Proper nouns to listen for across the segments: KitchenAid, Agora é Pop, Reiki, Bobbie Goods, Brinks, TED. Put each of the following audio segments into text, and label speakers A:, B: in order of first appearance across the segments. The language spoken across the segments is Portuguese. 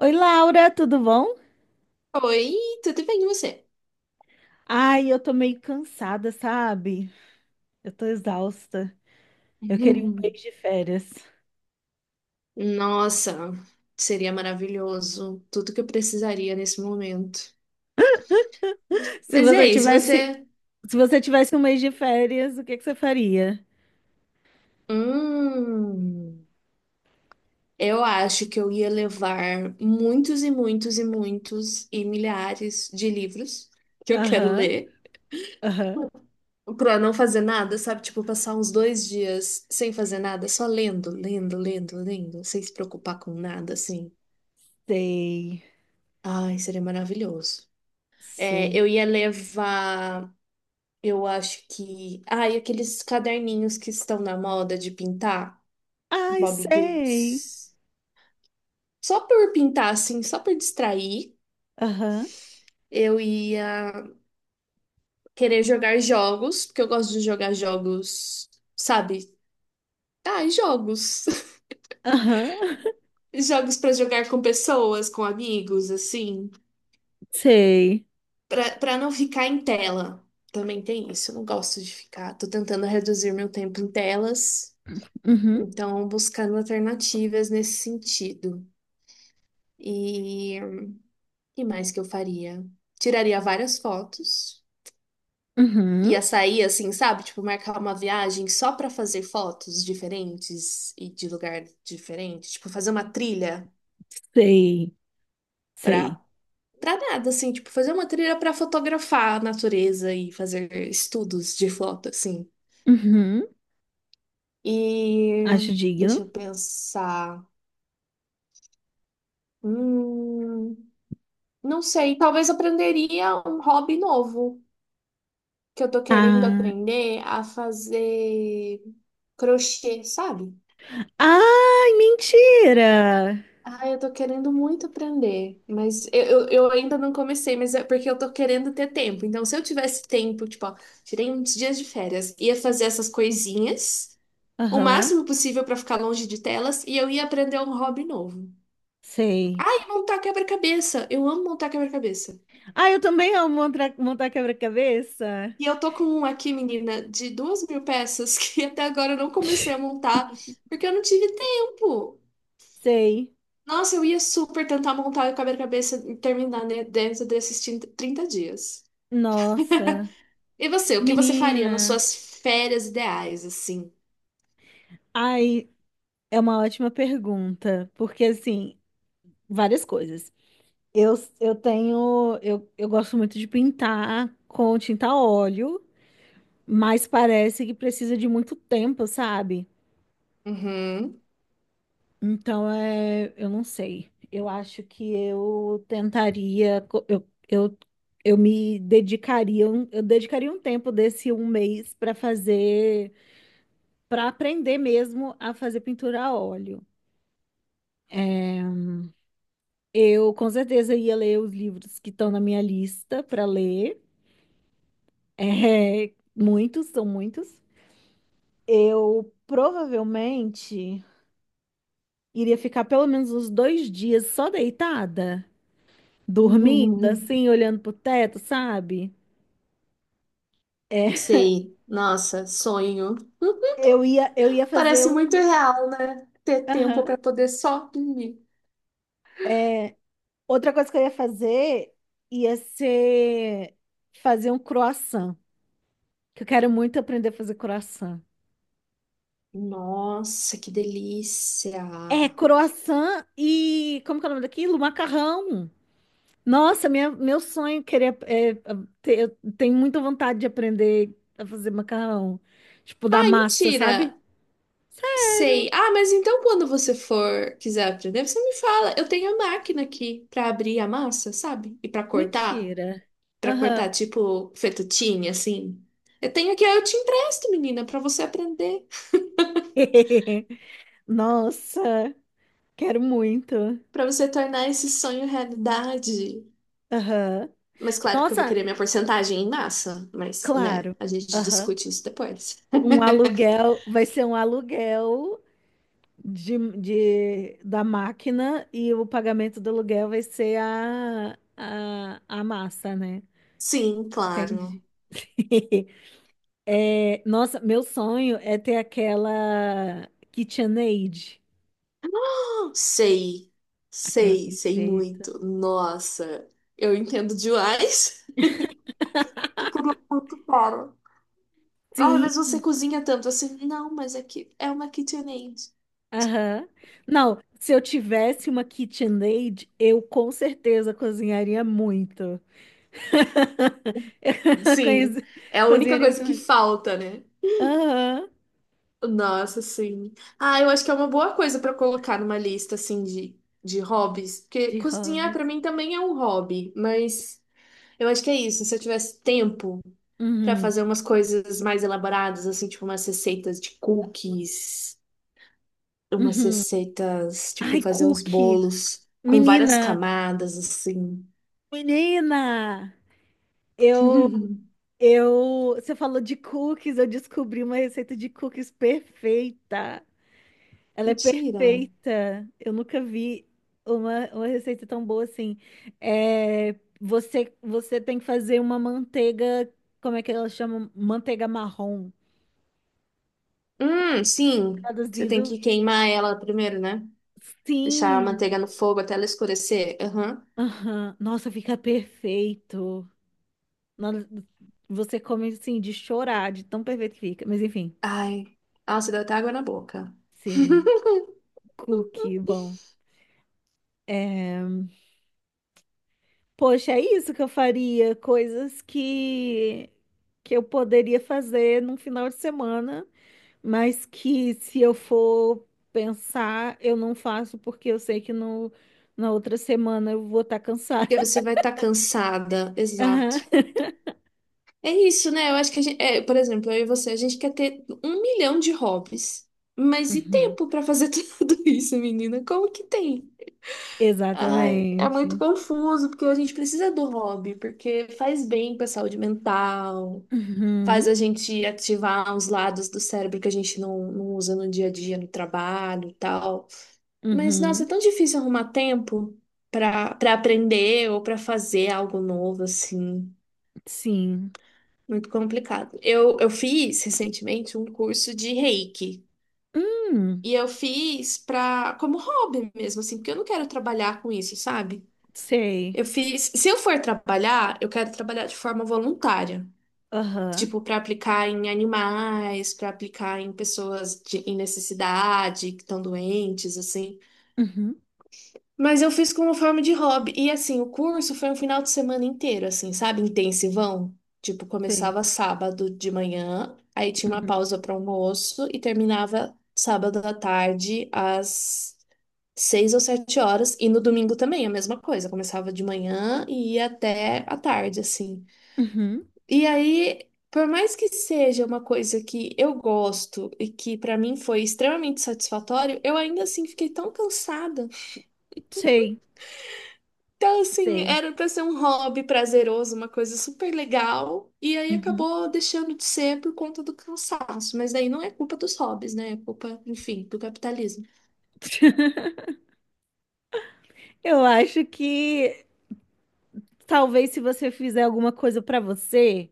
A: Oi, Laura, tudo bom?
B: Oi, tudo bem e você?
A: Ai, eu tô meio cansada, sabe? Eu tô exausta. Eu queria um
B: Uhum.
A: mês de férias.
B: Nossa, seria maravilhoso. Tudo que eu precisaria nesse momento.
A: Se
B: Mas e
A: você
B: aí, se
A: tivesse,
B: você.
A: se você tivesse um mês de férias, o que que você faria?
B: Hum, eu acho que eu ia levar muitos e muitos e muitos e milhares de livros que eu quero
A: Aham,
B: ler
A: aham.
B: pra não fazer nada, sabe? Tipo, passar uns dois dias sem fazer nada, só lendo, lendo, lendo, lendo, sem se preocupar com nada, assim.
A: Sei,
B: Ai, seria maravilhoso. É,
A: sei.
B: eu ia levar. Eu acho que. Ah, e aqueles caderninhos que estão na moda de pintar,
A: Ai,
B: Bobbie
A: sei.
B: Goods. Só por pintar, assim, só por distrair,
A: Aham,
B: eu ia querer jogar jogos, porque eu gosto de jogar jogos, sabe? Ah, jogos.
A: aham.
B: Jogos pra jogar com pessoas, com amigos, assim.
A: Sei.
B: Pra não ficar em tela. Também tem isso, eu não gosto de ficar. Tô tentando reduzir meu tempo em telas,
A: Uhum,
B: então buscando alternativas nesse sentido. E que mais que eu faria? Tiraria várias fotos.
A: uhum.
B: Ia sair assim, sabe? Tipo, marcar uma viagem só pra fazer fotos diferentes e de lugar diferente. Tipo, fazer uma trilha
A: Sei, sei.
B: pra, pra nada, assim. Tipo, fazer uma trilha pra fotografar a natureza e fazer estudos de foto, assim.
A: Uhum.
B: E
A: Acho
B: deixa eu
A: digno.
B: pensar. Hum, não sei, talvez aprenderia um hobby novo. Que eu tô querendo
A: Ah,
B: aprender a fazer crochê, sabe?
A: ai, mentira.
B: Ah, eu tô querendo muito aprender, mas eu ainda não comecei, mas é porque eu tô querendo ter tempo. Então, se eu tivesse tempo, tipo, ó, tirei uns dias de férias, ia fazer essas coisinhas, o
A: Aham,
B: máximo possível pra ficar longe de telas, e eu ia aprender um hobby novo.
A: sei.
B: E montar quebra-cabeça. Eu amo montar quebra-cabeça.
A: Ah, eu também amo montar, montar quebra-cabeça.
B: E eu tô com um aqui, menina, de duas mil peças que até agora eu não comecei a montar porque eu não tive tempo.
A: Sei.
B: Nossa, eu ia super tentar montar o quebra-cabeça e terminar dentro desses 30 30 dias.
A: Nossa.
B: E você, o que você faria nas
A: Menina.
B: suas férias ideais, assim?
A: Ai, é uma ótima pergunta. Porque, assim, várias coisas. Eu, eu tenho. Eu gosto muito de pintar com tinta a óleo, mas parece que precisa de muito tempo, sabe?
B: Uhum.
A: Então, é, eu não sei. Eu acho que eu tentaria, eu me dedicaria, eu dedicaria um tempo desse um mês para fazer, para aprender mesmo a fazer pintura a óleo. É, eu com certeza ia ler os livros que estão na minha lista para ler. É, muitos, são muitos. Eu provavelmente iria ficar pelo menos uns dois dias só deitada, dormindo,
B: Uhum.
A: assim, olhando pro teto, sabe? É,
B: Sei. Nossa, sonho.
A: eu ia fazer
B: Parece muito
A: um.
B: real, né? Ter tempo
A: Aham.
B: para poder só dormir.
A: Outra coisa que eu ia fazer ia ser fazer um croissant, que eu quero muito aprender a fazer croissant.
B: Nossa, que delícia!
A: É, croissant e... Como que é o nome daquilo? Macarrão. Nossa, meu sonho é querer. É, eu tenho muita vontade de aprender a fazer macarrão. Tipo, da
B: Ai,
A: massa,
B: mentira!
A: sabe?
B: Sei. Ah, mas então quando você for quiser aprender, você me fala. Eu tenho a máquina aqui para abrir a massa, sabe? E para cortar.
A: Mentira.
B: Pra
A: Aham.
B: cortar, tipo, fettuccine, assim. Eu tenho aqui, eu te empresto, menina, pra você aprender.
A: Nossa. Quero muito.
B: Pra você tornar esse sonho realidade.
A: Aham.
B: Mas claro que eu vou
A: Nossa,
B: querer minha porcentagem em massa. Mas, né,
A: claro.
B: a gente
A: Aham.
B: discute isso depois.
A: Um aluguel, vai ser um aluguel de, da máquina, e o pagamento do aluguel vai ser a massa, né?
B: Sim, claro.
A: Entendi. É, nossa, meu sonho é ter aquela KitchenAid,
B: Ah, sei.
A: aquela
B: Sei, sei
A: perfeita.
B: muito. Nossa, eu entendo demais. Eu queria muito, cara. Ah, mas você
A: Sim,
B: cozinha tanto assim. Não, mas aqui é que é uma KitchenAid.
A: aham. Não, se eu tivesse uma KitchenAid, eu com certeza cozinharia muito. Eu conheço,
B: Sim, é a única
A: cozinharia muito
B: coisa que
A: mais.
B: falta, né?
A: Aham.
B: Nossa, sim. Ah, eu acho que é uma boa coisa pra colocar numa lista assim de hobbies, porque
A: De
B: cozinhar pra
A: hobbies.
B: mim também é um hobby, mas eu acho que é isso. Se eu tivesse tempo pra
A: Uhum.
B: fazer umas coisas mais elaboradas, assim, tipo umas receitas de cookies, umas
A: Uhum.
B: receitas, tipo
A: Ai,
B: fazer uns
A: cookie.
B: bolos com várias
A: Menina,
B: camadas assim.
A: menina. Eu, você falou de cookies, eu descobri uma receita de cookies perfeita. Ela é
B: Mentira.
A: perfeita. Eu nunca vi uma receita tão boa assim. É, você tem que fazer uma manteiga, como é que ela chama? Manteiga marrom.
B: Sim. Você tem
A: Traduzido.
B: que queimar ela primeiro, né? Deixar a
A: Sim.
B: manteiga no fogo até ela escurecer. Aham.
A: Aham. Nossa, fica perfeito. Nossa, você come assim de chorar, de tão perfeito que fica. Mas enfim,
B: Ai, nossa, deu até água na boca.
A: sim. Cookie, bom. É... Poxa, é isso que eu faria. Coisas que eu poderia fazer num final de semana, mas que, se eu for pensar, eu não faço porque eu sei que no... na outra semana eu vou estar cansada.
B: Porque você vai estar cansada, exato. É isso, né? Eu acho que a gente, é, por exemplo, eu e você, a gente quer ter um milhão de hobbies, mas
A: Aham.
B: e
A: Uhum.
B: tempo pra fazer tudo isso, menina? Como que tem? Ai, é muito
A: Exatamente.
B: confuso, porque a gente precisa do hobby, porque faz bem pra saúde mental,
A: Uhum.
B: faz a gente ativar uns lados do cérebro que a gente não usa no dia a dia, no trabalho e tal. Mas, nossa, é
A: Uhum,
B: tão difícil arrumar tempo para aprender ou para fazer algo novo, assim.
A: sim.
B: Muito complicado. Eu fiz recentemente um curso de Reiki.
A: Hum,
B: E eu fiz pra, como hobby mesmo, assim, porque eu não quero trabalhar com isso, sabe? Eu
A: sei.
B: fiz. Se eu for trabalhar, eu quero trabalhar de forma voluntária.
A: Aham.
B: Tipo, para aplicar em animais, para aplicar em pessoas de, em necessidade, que estão doentes, assim.
A: Uhum,
B: Mas eu fiz como forma de hobby. E assim, o curso foi um final de semana inteiro, assim, sabe? Intensivão. Tipo,
A: sei.
B: começava sábado de manhã, aí tinha uma
A: Uhum,
B: pausa para almoço e terminava sábado à tarde às seis ou sete horas. E no domingo também, a mesma coisa. Começava de manhã e ia até à tarde, assim.
A: uhum,
B: E aí, por mais que seja uma coisa que eu gosto e que para mim foi extremamente satisfatório, eu ainda assim fiquei tão cansada.
A: sei.
B: Então, assim,
A: Sei.
B: era para ser um hobby prazeroso, uma coisa super legal, e aí
A: Uhum.
B: acabou deixando de ser por conta do cansaço. Mas daí não é culpa dos hobbies, né? É culpa, enfim, do capitalismo.
A: Eu acho que talvez, se você fizer alguma coisa pra você,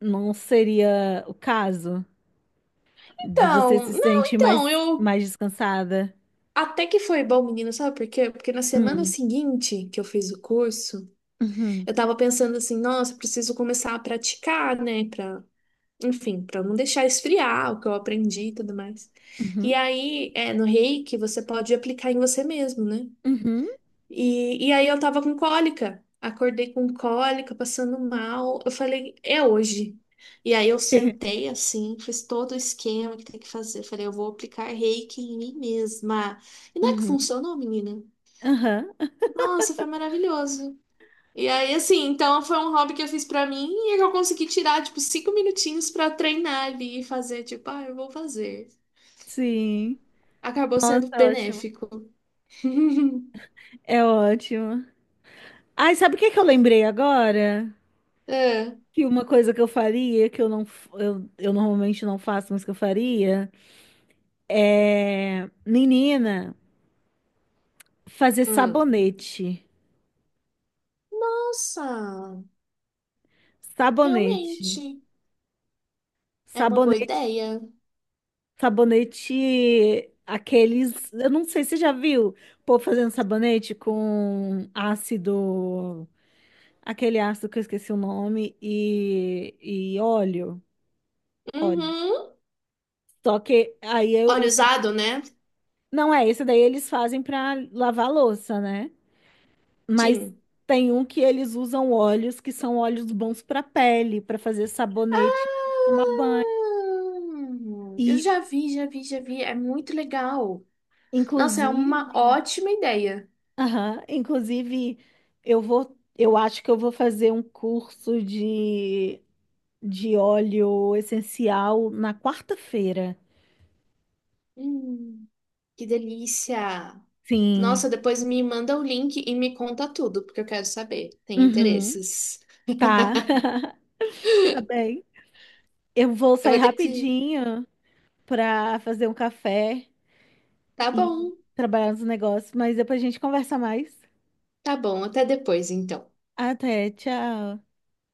A: não seria o caso de você
B: Então,
A: se
B: não,
A: sentir
B: então, eu
A: mais descansada.
B: até que foi bom, menina, sabe por quê? Porque na semana
A: Hum,
B: seguinte que eu fiz o curso,
A: uhum,
B: eu tava pensando assim, nossa, eu preciso começar a praticar, né? Pra, enfim, pra não deixar esfriar o que eu aprendi e tudo mais. E
A: uhum,
B: aí, é, no Reiki, você pode aplicar em você mesmo, né?
A: uhum,
B: E aí eu tava com cólica. Acordei com cólica, passando mal. Eu falei, é hoje. E aí eu sentei assim, fiz todo o esquema que tem que fazer. Falei, eu vou aplicar reiki em mim mesma. E não é que
A: uhum,
B: funcionou, menina?
A: aham.
B: Nossa, foi maravilhoso. E aí, assim, então foi um hobby que eu fiz pra mim e que eu consegui tirar, tipo, cinco minutinhos pra treinar ali e fazer, tipo, ah, eu vou fazer.
A: Sim,
B: Acabou sendo
A: tá ótimo.
B: benéfico.
A: É ótimo. Ai, sabe o que que eu lembrei agora?
B: É.
A: Que uma coisa que eu faria, que eu não, eu normalmente não faço, mas que eu faria, é, menina, fazer
B: Hum.
A: sabonete.
B: Nossa!
A: Sabonete.
B: Realmente, é uma boa
A: Sabonete.
B: ideia.
A: Sabonete, aqueles, eu não sei, você já viu, pô, fazendo sabonete com ácido, aquele ácido que eu esqueci o nome, e óleo, óleo.
B: Uhum.
A: Só que aí eu,
B: Óleo usado, né?
A: não é, esse daí eles fazem pra lavar a louça, né? Mas
B: Sim.
A: tem um que eles usam óleos que são óleos bons para pele, para fazer sabonete,
B: Ah,
A: tomar banho.
B: eu
A: E
B: já vi, já vi, já vi. É muito legal. Nossa, é
A: inclusive,
B: uma ótima ideia.
A: aham, inclusive eu vou, eu acho que eu vou fazer um curso de óleo essencial na quarta-feira.
B: Hum, que delícia. Nossa,
A: Sim.
B: depois me manda o link e me conta tudo, porque eu quero saber. Tem
A: Uhum.
B: interesses.
A: Tá. Tá bem. Eu vou
B: Eu
A: sair
B: vou ter que.
A: rapidinho para fazer um café
B: Tá
A: e
B: bom,
A: trabalhar nos negócios, mas depois a gente conversa mais.
B: tá bom. Até depois, então.
A: Até, tchau.